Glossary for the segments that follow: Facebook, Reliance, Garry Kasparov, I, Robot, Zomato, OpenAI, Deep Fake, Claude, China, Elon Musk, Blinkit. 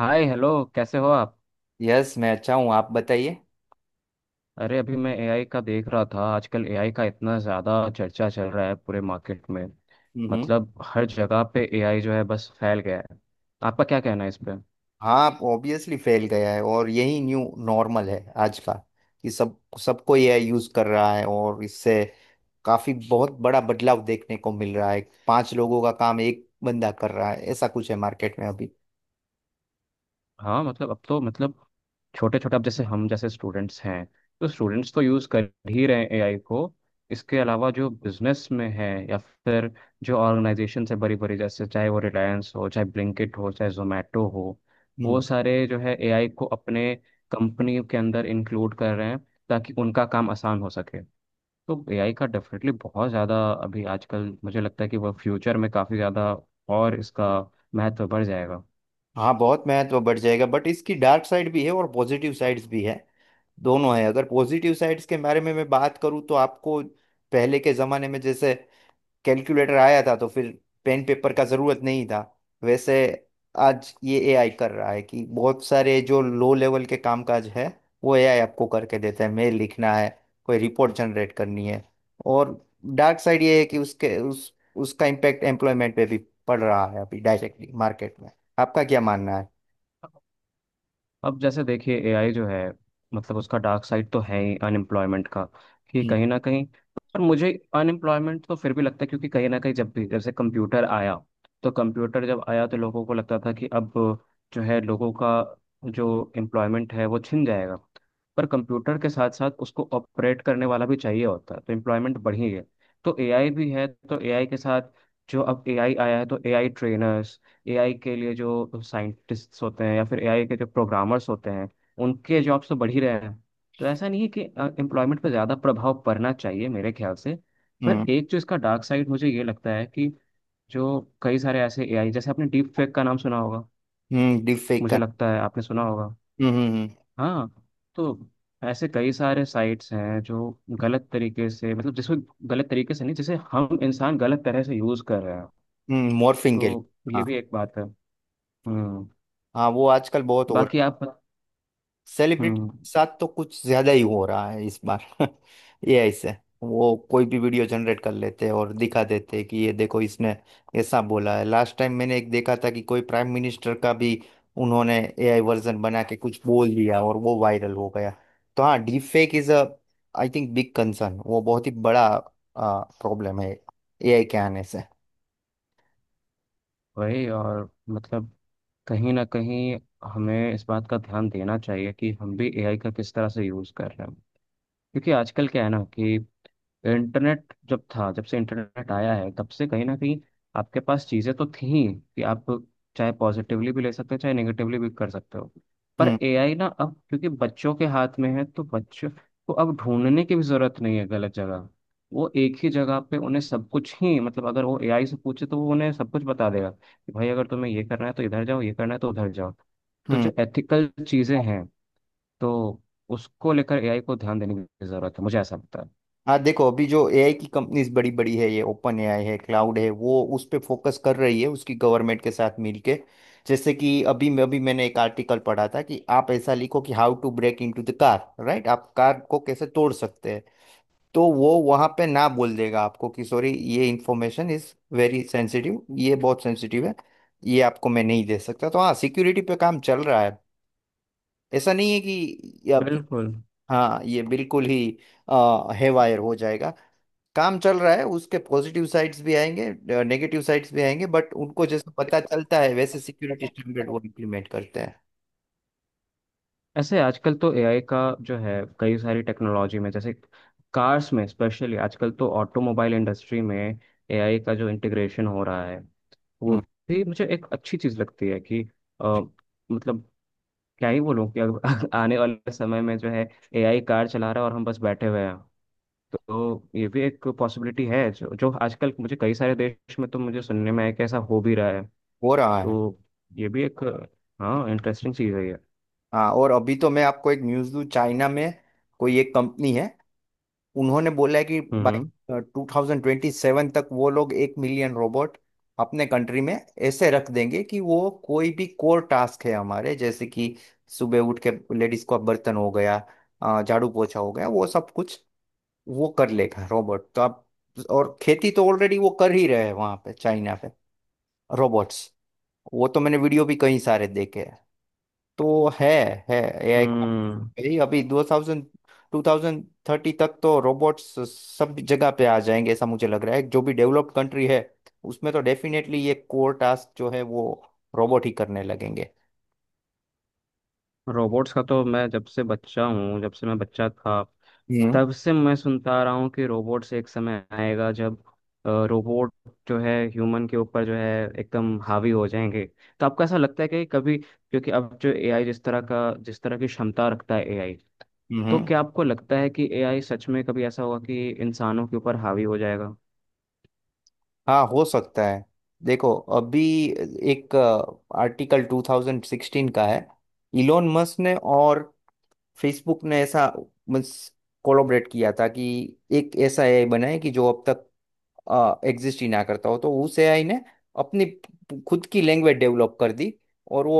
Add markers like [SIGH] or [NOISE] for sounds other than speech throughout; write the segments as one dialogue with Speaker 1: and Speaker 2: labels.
Speaker 1: हाय hello. कैसे हो आप?
Speaker 2: यस मैं अच्छा हूँ आप बताइए।
Speaker 1: अरे अभी मैं एआई का देख रहा था। आजकल एआई का इतना ज़्यादा चर्चा चल रहा है पूरे मार्केट में।
Speaker 2: हम्म।
Speaker 1: मतलब हर जगह पे एआई जो है बस फैल गया है। आपका क्या कहना है इस पे?
Speaker 2: हाँ आप ऑब्वियसली फैल गया है और यही न्यू नॉर्मल है आज का कि सब सबको ये यूज़ कर रहा है और इससे काफ़ी बहुत बड़ा बदलाव देखने को मिल रहा है। 5 लोगों का काम एक बंदा कर रहा है ऐसा कुछ है मार्केट में अभी।
Speaker 1: हाँ मतलब अब तो मतलब छोटे छोटे अब जैसे हम जैसे स्टूडेंट्स हैं तो स्टूडेंट्स तो यूज़ कर ही रहे हैं एआई को। इसके अलावा जो बिजनेस में है या फिर जो ऑर्गेनाइजेशन है बड़ी बड़ी, जैसे चाहे वो रिलायंस हो चाहे ब्लिंकिट हो चाहे जोमेटो हो, वो
Speaker 2: हम्म।
Speaker 1: सारे जो है एआई को अपने कंपनी के अंदर इंक्लूड कर रहे हैं ताकि उनका काम आसान हो सके। तो एआई का डेफिनेटली बहुत ज़्यादा अभी आजकल मुझे लगता है कि वह फ्यूचर में काफ़ी ज़्यादा और इसका महत्व बढ़ जाएगा।
Speaker 2: हाँ बहुत महत्व बढ़ जाएगा बट इसकी डार्क साइड भी है और पॉजिटिव साइड्स भी है। दोनों है, अगर पॉजिटिव साइड्स के बारे में मैं बात करूँ तो आपको पहले के ज़माने में जैसे कैलकुलेटर आया था तो फिर पेन पेपर का जरूरत नहीं था। वैसे आज ये एआई कर रहा है कि बहुत सारे जो लो लेवल के कामकाज है वो एआई आपको करके देता है। मेल लिखना है, कोई रिपोर्ट जनरेट करनी है और डार्क साइड ये है कि उसके उस उसका इम्पैक्ट एम्प्लॉयमेंट पे भी पड़ रहा है अभी डायरेक्टली मार्केट में। आपका क्या मानना है।
Speaker 1: अब जैसे देखिए एआई जो है, मतलब उसका डार्क साइड तो है ही अनएम्प्लॉयमेंट का, कि
Speaker 2: हम्म।
Speaker 1: कहीं ना कहीं। पर मुझे अनएम्प्लॉयमेंट तो फिर भी लगता है क्योंकि कहीं ना कहीं, जब भी जैसे कंप्यूटर आया, तो कंप्यूटर जब आया तो लोगों को लगता था कि अब जो है लोगों का जो एम्प्लॉयमेंट है वो छिन जाएगा। पर कंप्यूटर के साथ साथ उसको ऑपरेट करने वाला भी चाहिए होता है तो एम्प्लॉयमेंट बढ़ी है। तो एआई भी है तो एआई के साथ, जो अब एआई आया है तो एआई ट्रेनर्स, एआई के लिए जो साइंटिस्ट्स होते हैं या फिर एआई के जो प्रोग्रामर्स होते हैं, उनके जॉब्स तो बढ़ ही रहे हैं। तो ऐसा नहीं है कि एम्प्लॉयमेंट पर ज़्यादा प्रभाव पड़ना चाहिए मेरे ख्याल से। पर
Speaker 2: हम्म।
Speaker 1: एक जो इसका डार्क साइड मुझे ये लगता है कि जो कई सारे ऐसे एआई, जैसे आपने डीप फेक का नाम सुना होगा,
Speaker 2: Deepfake
Speaker 1: मुझे
Speaker 2: का।
Speaker 1: लगता है आपने सुना होगा।
Speaker 2: हम्म।
Speaker 1: हाँ। तो ऐसे कई सारे साइट्स हैं जो गलत तरीके से, मतलब जिसको गलत तरीके से नहीं, जिसे हम इंसान गलत तरह से यूज़ कर रहे हैं।
Speaker 2: मॉर्फिंग के लिए।
Speaker 1: तो ये
Speaker 2: हाँ।
Speaker 1: भी एक बात है। हम्म।
Speaker 2: हाँ वो आजकल बहुत हो रहा
Speaker 1: बाकी
Speaker 2: है।
Speaker 1: आप।
Speaker 2: सेलिब्रिटी
Speaker 1: हम्म।
Speaker 2: के साथ तो कुछ ज्यादा ही हो रहा है इस बार [LAUGHS] ये ऐसे है। वो कोई भी वीडियो जनरेट कर लेते हैं और दिखा देते हैं कि ये देखो इसने ऐसा बोला है। लास्ट टाइम मैंने एक देखा था कि कोई प्राइम मिनिस्टर का भी उन्होंने एआई वर्जन बना के कुछ बोल दिया और वो वायरल हो गया। तो हाँ, deep fake is a I think big concern, वो बहुत ही बड़ा प्रॉब्लम है एआई के आने से।
Speaker 1: वही, और मतलब कहीं ना कहीं हमें इस बात का ध्यान देना चाहिए कि हम भी एआई का किस तरह से यूज़ कर रहे हैं, क्योंकि आजकल क्या है ना कि इंटरनेट जब था, जब से इंटरनेट आया है, तब से कहीं ना कहीं आपके पास चीज़ें तो थी कि आप चाहे पॉजिटिवली भी ले सकते हो चाहे नेगेटिवली भी कर सकते हो। पर
Speaker 2: हम्म।
Speaker 1: एआई ना अब क्योंकि बच्चों के हाथ में है तो बच्चों को अब ढूंढने की भी जरूरत नहीं है गलत जगह। वो एक ही जगह पे उन्हें सब कुछ ही, मतलब अगर वो एआई से पूछे तो वो उन्हें सब कुछ बता देगा कि भाई अगर तुम्हें ये करना है तो इधर जाओ, ये करना है तो उधर जाओ। तो जो
Speaker 2: हम्म।
Speaker 1: एथिकल चीज़ें हैं, तो उसको लेकर एआई को ध्यान देने की जरूरत है मुझे ऐसा लगता है।
Speaker 2: हाँ देखो अभी जो एआई की कंपनीज बड़ी बड़ी है ये ओपन एआई है, क्लाउड है, वो उस पे फोकस कर रही है उसकी गवर्नमेंट के साथ मिलके। जैसे कि अभी मैंने एक आर्टिकल पढ़ा था कि आप ऐसा लिखो कि how to break into the car, right, आप कार को कैसे तोड़ सकते हैं। तो वो वहां पे ना बोल देगा आपको कि सॉरी ये इंफॉर्मेशन इज वेरी सेंसिटिव, ये बहुत सेंसिटिव है ये आपको मैं नहीं दे सकता। तो हाँ, सिक्योरिटी पे काम चल रहा है। ऐसा नहीं है कि ये अब-
Speaker 1: बिल्कुल।
Speaker 2: हाँ ये बिल्कुल ही हेवायर हो जाएगा। काम चल रहा है, उसके पॉजिटिव साइड्स भी आएंगे, नेगेटिव साइड्स भी आएंगे, बट उनको जैसे पता चलता है वैसे सिक्योरिटी स्टैंडर्ड वो इम्प्लीमेंट करते हैं।
Speaker 1: ऐसे आजकल तो एआई का जो है कई सारी टेक्नोलॉजी में, जैसे कार्स में स्पेशली आजकल तो ऑटोमोबाइल इंडस्ट्री में एआई का जो इंटीग्रेशन हो रहा है वो
Speaker 2: हम्म।
Speaker 1: भी मुझे एक अच्छी चीज लगती है कि अ, मतलब क्या ही बोलूं कि अगर [LAUGHS] आने वाले समय में जो है एआई कार चला रहा है और हम बस बैठे हुए हैं, तो ये भी एक पॉसिबिलिटी है। जो जो आजकल मुझे कई सारे देश में तो मुझे सुनने में है कि ऐसा हो भी रहा है।
Speaker 2: हो रहा है।
Speaker 1: तो ये भी एक, हाँ, इंटरेस्टिंग चीज़ है ये।
Speaker 2: हाँ और अभी तो मैं आपको एक न्यूज़ दूँ। चाइना में कोई एक कंपनी है, उन्होंने बोला है कि
Speaker 1: हम्म हम्म।
Speaker 2: बाई 2027 तक वो लोग 1 मिलियन रोबोट अपने कंट्री में ऐसे रख देंगे कि वो कोई भी कोर टास्क है हमारे जैसे कि सुबह उठ के लेडीज को अब बर्तन हो गया, झाड़ू पोछा हो गया, वो सब कुछ वो कर लेगा रोबोट। तो आप, और खेती तो ऑलरेडी वो कर ही रहे हैं वहां पे चाइना पे, रोबोट्स। वो तो मैंने वीडियो भी कई सारे देखे हैं। तो है एआई का
Speaker 1: हम्म।
Speaker 2: भाई। अभी दो थाउजेंड 2030 तक तो रोबोट्स सब जगह पे आ जाएंगे ऐसा मुझे लग रहा है। जो भी डेवलप्ड कंट्री है उसमें तो डेफिनेटली ये कोर टास्क जो है वो रोबोट ही करने लगेंगे।
Speaker 1: रोबोट्स का तो मैं जब से बच्चा हूँ, जब से मैं बच्चा था,
Speaker 2: हम्म।
Speaker 1: तब से मैं सुनता आ रहा हूँ कि रोबोट्स एक समय आएगा जब रोबोट जो है ह्यूमन के ऊपर जो है एकदम हावी हो जाएंगे। तो आपको ऐसा लगता है कि कभी, क्योंकि अब जो एआई जिस तरह का जिस तरह की क्षमता रखता है एआई, तो
Speaker 2: हम्म।
Speaker 1: क्या आपको लगता है कि एआई सच में कभी ऐसा होगा कि इंसानों के ऊपर हावी हो जाएगा?
Speaker 2: हाँ हो सकता है। देखो अभी एक आर्टिकल 2016 का है। इलोन मस्क ने और फेसबुक ने ऐसा कोलोबरेट किया था कि एक ऐसा एआई बनाए कि जो अब तक एग्जिस्ट ही ना करता हो। तो उस एआई ने अपनी खुद की लैंग्वेज डेवलप कर दी और वो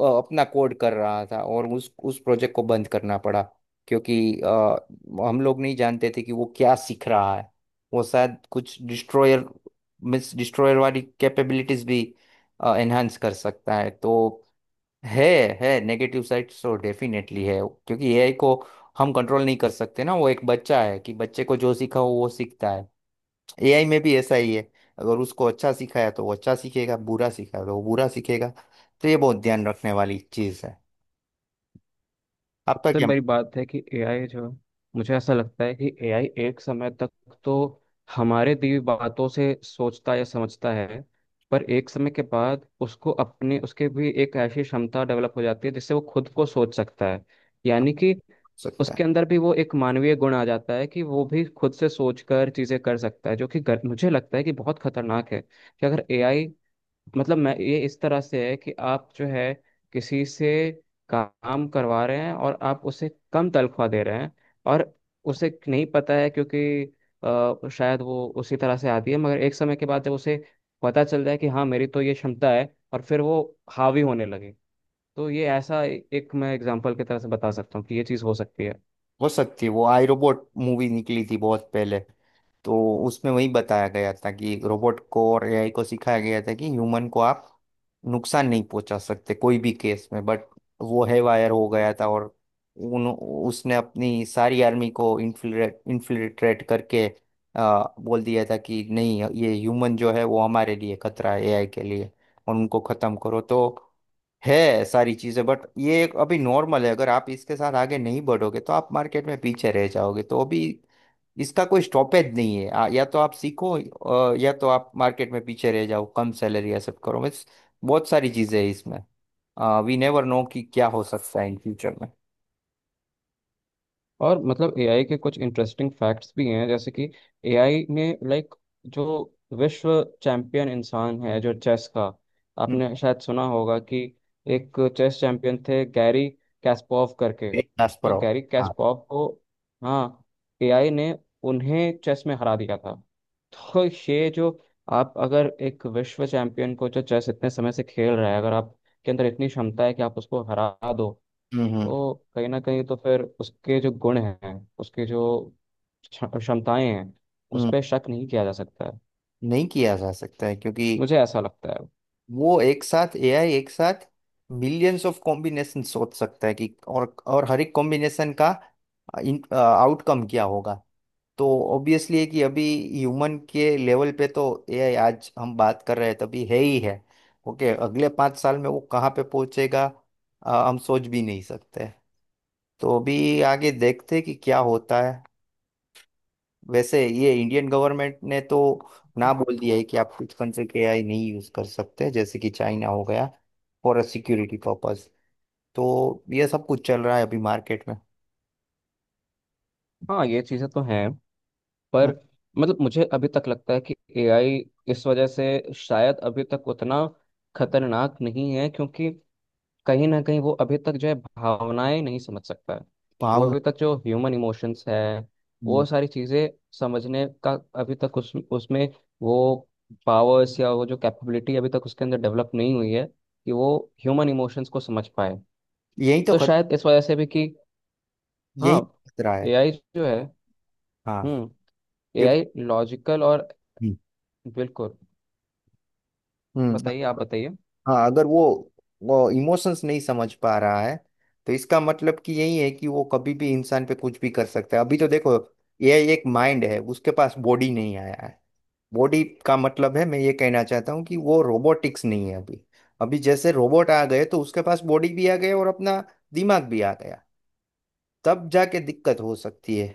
Speaker 2: अपना कोड कर रहा था और उस प्रोजेक्ट को बंद करना पड़ा क्योंकि हम लोग नहीं जानते थे कि वो क्या सीख रहा है। वो शायद कुछ डिस्ट्रॉयर मिस डिस्ट्रॉयर वाली कैपेबिलिटीज भी एनहांस कर सकता है। तो है है नेगेटिव साइड तो डेफिनेटली है। क्योंकि एआई को हम कंट्रोल नहीं कर सकते ना, वो एक बच्चा है कि बच्चे को जो सीखा हो वो सीखता है। एआई में भी ऐसा ही है। अगर उसको अच्छा सिखाया तो वो अच्छा सीखेगा, बुरा सिखाया तो वो बुरा सीखेगा। तो ये बहुत ध्यान रखने वाली चीज़ है। आपका
Speaker 1: सबसे
Speaker 2: क्या हो
Speaker 1: बड़ी बात है कि एआई जो, मुझे ऐसा लगता है कि एआई एक समय तक तो हमारे दी हुई बातों से सोचता या समझता है। पर एक समय के बाद उसको अपने उसके भी एक ऐसी क्षमता डेवलप हो जाती है जिससे वो खुद को सोच सकता है, यानी कि
Speaker 2: सकता है।
Speaker 1: उसके अंदर भी वो एक मानवीय गुण आ जाता है कि वो भी खुद से सोचकर चीजें कर सकता है, जो कि मुझे लगता है कि बहुत खतरनाक है कि अगर एआई, मतलब मैं ये इस तरह से है कि आप जो है किसी से काम करवा रहे हैं और आप उसे कम तनख्वाह दे रहे हैं, और उसे नहीं पता है क्योंकि शायद वो उसी तरह से आती है। मगर एक समय के बाद जब उसे पता चल जाए कि हाँ मेरी तो ये क्षमता है और फिर वो हावी होने लगे, तो ये ऐसा एक मैं एग्जाम्पल की तरह से बता सकता हूँ कि ये चीज़ हो सकती है।
Speaker 2: हो सकती है। वो आई रोबोट मूवी निकली थी बहुत पहले। तो उसमें वही बताया गया था कि रोबोट को और एआई को सिखाया गया था कि ह्यूमन को आप नुकसान नहीं पहुंचा सकते कोई भी केस में, बट वो है वायर हो गया था और उन उसने अपनी सारी आर्मी को इन्फिल्ट्रेट इन्फिल्ट्रेट करके बोल दिया था कि नहीं ये ह्यूमन जो है वो हमारे लिए खतरा है एआई के लिए, और उनको खत्म करो। तो है सारी चीजें, बट ये एक अभी नॉर्मल है। अगर आप इसके साथ आगे नहीं बढ़ोगे तो आप मार्केट में पीछे रह जाओगे। तो अभी इसका कोई स्टॉपेज नहीं है, या तो आप सीखो या तो आप मार्केट में पीछे रह जाओ, कम सैलरी एक्सेप्ट करो, बस। बहुत सारी चीजें हैं इसमें। वी नेवर नो कि क्या हो सकता है इन फ्यूचर में।
Speaker 1: और मतलब एआई के कुछ इंटरेस्टिंग फैक्ट्स भी हैं जैसे कि एआई ने लाइक जो विश्व चैंपियन इंसान है जो चेस का,
Speaker 2: हम्म,
Speaker 1: आपने शायद सुना होगा कि एक चेस चैंपियन थे गैरी कैस्पोव करके।
Speaker 2: एक diaspora
Speaker 1: तो
Speaker 2: हो।
Speaker 1: गैरी
Speaker 2: हाँ।
Speaker 1: कैस्पोव को, हाँ, एआई ने उन्हें चेस में हरा दिया था। तो ये जो, आप अगर एक विश्व चैंपियन को जो चेस इतने समय से खेल रहा है, अगर आपके अंदर इतनी क्षमता है कि आप उसको हरा दो,
Speaker 2: हम्म। हम्म।
Speaker 1: तो कहीं ना कहीं तो फिर उसके जो गुण हैं, उसके जो क्षमताएं हैं, उस
Speaker 2: हम्म,
Speaker 1: पर शक नहीं किया जा सकता है।
Speaker 2: नहीं किया जा सकता है क्योंकि
Speaker 1: मुझे ऐसा लगता है।
Speaker 2: वो एक साथ एआई एक साथ मिलियंस ऑफ कॉम्बिनेशन सोच सकता है कि और हर एक कॉम्बिनेशन का आउटकम क्या होगा। तो ऑब्वियसली है कि अभी ह्यूमन के लेवल पे तो एआई आज हम बात कर रहे हैं तभी है ही है। ओके, अगले 5 साल में वो कहाँ पे पहुंचेगा, हम सोच भी नहीं सकते। तो अभी आगे देखते हैं कि क्या होता है। वैसे ये इंडियन गवर्नमेंट ने तो ना बोल दिया है कि आप कुछ कंट्री के एआई नहीं यूज कर सकते जैसे कि चाइना हो गया, फॉर अ सिक्योरिटी पर्पस। तो ये सब कुछ चल रहा है अभी मार्केट में।
Speaker 1: हाँ ये चीज़ें तो हैं। पर
Speaker 2: हम्म।
Speaker 1: मतलब मुझे अभी तक लगता है कि एआई इस वजह से शायद अभी तक उतना खतरनाक नहीं है, क्योंकि कहीं ना कहीं वो अभी तक जो है भावनाएं नहीं समझ सकता है। वो
Speaker 2: भावना।
Speaker 1: अभी तक जो ह्यूमन इमोशंस है,
Speaker 2: हम्म।
Speaker 1: वो सारी चीज़ें समझने का अभी तक उस उसमें वो पावर्स या वो जो कैपेबिलिटी अभी तक उसके अंदर डेवलप नहीं हुई है कि वो ह्यूमन इमोशंस को समझ पाए।
Speaker 2: यही तो
Speaker 1: तो
Speaker 2: खत
Speaker 1: शायद इस वजह से भी कि हाँ
Speaker 2: यही खतरा है।
Speaker 1: एआई जो है,
Speaker 2: हाँ।
Speaker 1: हम्म,
Speaker 2: क्योंकि।
Speaker 1: एआई लॉजिकल और बिल्कुल।
Speaker 2: हम्म।
Speaker 1: बताइए, आप बताइए।
Speaker 2: हाँ, अगर वो इमोशंस नहीं समझ पा रहा है तो इसका मतलब कि यही है कि वो कभी भी इंसान पे कुछ भी कर सकता है। अभी तो देखो ये एक माइंड है, उसके पास बॉडी नहीं आया है। बॉडी का मतलब है, मैं ये कहना चाहता हूँ कि वो रोबोटिक्स नहीं है अभी। अभी जैसे रोबोट आ गए तो उसके पास बॉडी भी आ गई और अपना दिमाग भी आ गया, तब जाके दिक्कत हो सकती है।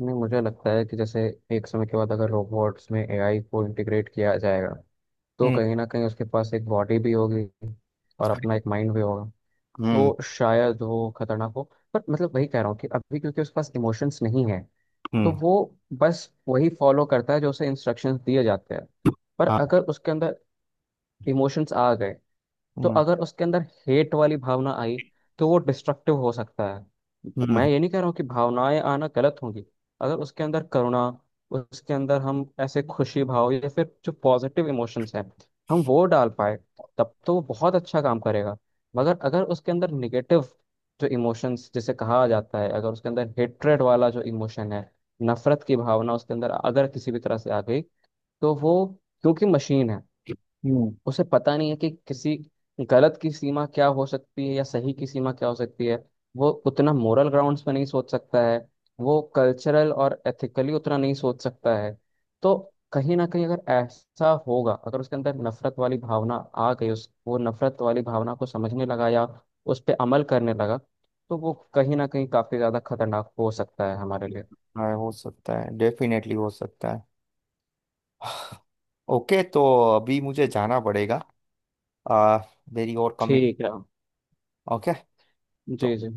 Speaker 1: नहीं मुझे लगता है कि जैसे एक समय के बाद अगर रोबोट्स में एआई को इंटीग्रेट किया जाएगा तो
Speaker 2: हम्म।
Speaker 1: कहीं ना कहीं उसके पास एक बॉडी भी होगी और अपना एक माइंड भी होगा।
Speaker 2: हम्म।
Speaker 1: तो शायद वो खतरनाक हो। पर मतलब वही कह रहा हूँ कि अभी क्योंकि उसके पास इमोशंस नहीं है तो
Speaker 2: हम्म।
Speaker 1: वो बस वही फॉलो करता है जो उसे इंस्ट्रक्शंस दिए जाते हैं। पर
Speaker 2: हाँ।
Speaker 1: अगर उसके अंदर इमोशंस आ गए, तो
Speaker 2: हम्म।
Speaker 1: अगर उसके अंदर हेट वाली भावना आई, तो वो डिस्ट्रक्टिव हो सकता है। मैं
Speaker 2: हम्म।
Speaker 1: ये नहीं कह रहा हूँ कि भावनाएं आना गलत होंगी। अगर उसके अंदर करुणा, उसके अंदर हम ऐसे खुशी भाव या फिर जो पॉजिटिव इमोशंस हैं हम वो डाल पाए, तब तो वो बहुत अच्छा काम करेगा। मगर अगर उसके अंदर निगेटिव जो इमोशंस जिसे कहा जाता है, अगर उसके अंदर हेट्रेड वाला जो इमोशन है, नफरत की भावना उसके अंदर अगर किसी भी तरह से आ गई, तो वो, क्योंकि मशीन है,
Speaker 2: हम्म,
Speaker 1: उसे पता नहीं है कि किसी गलत की सीमा क्या हो सकती है या सही की सीमा क्या हो सकती है। वो उतना मोरल ग्राउंड्स पे नहीं सोच सकता है। वो कल्चरल और एथिकली उतना नहीं सोच सकता है। तो कहीं ना कहीं अगर ऐसा होगा, अगर उसके अंदर नफरत वाली भावना आ गई, उस वो नफरत वाली भावना को समझने लगा या उस पर अमल करने लगा, तो वो कहीं ना कहीं काफी ज्यादा खतरनाक हो सकता है हमारे लिए।
Speaker 2: हाँ, हो सकता है, डेफिनेटली हो सकता है। ओके, तो अभी मुझे जाना पड़ेगा, आ, मेरी और कमिट।
Speaker 1: ठीक है।
Speaker 2: ओके। तो
Speaker 1: जी जी।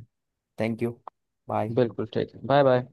Speaker 2: Thank you. बाय।
Speaker 1: बिल्कुल ठीक है। Bye bye.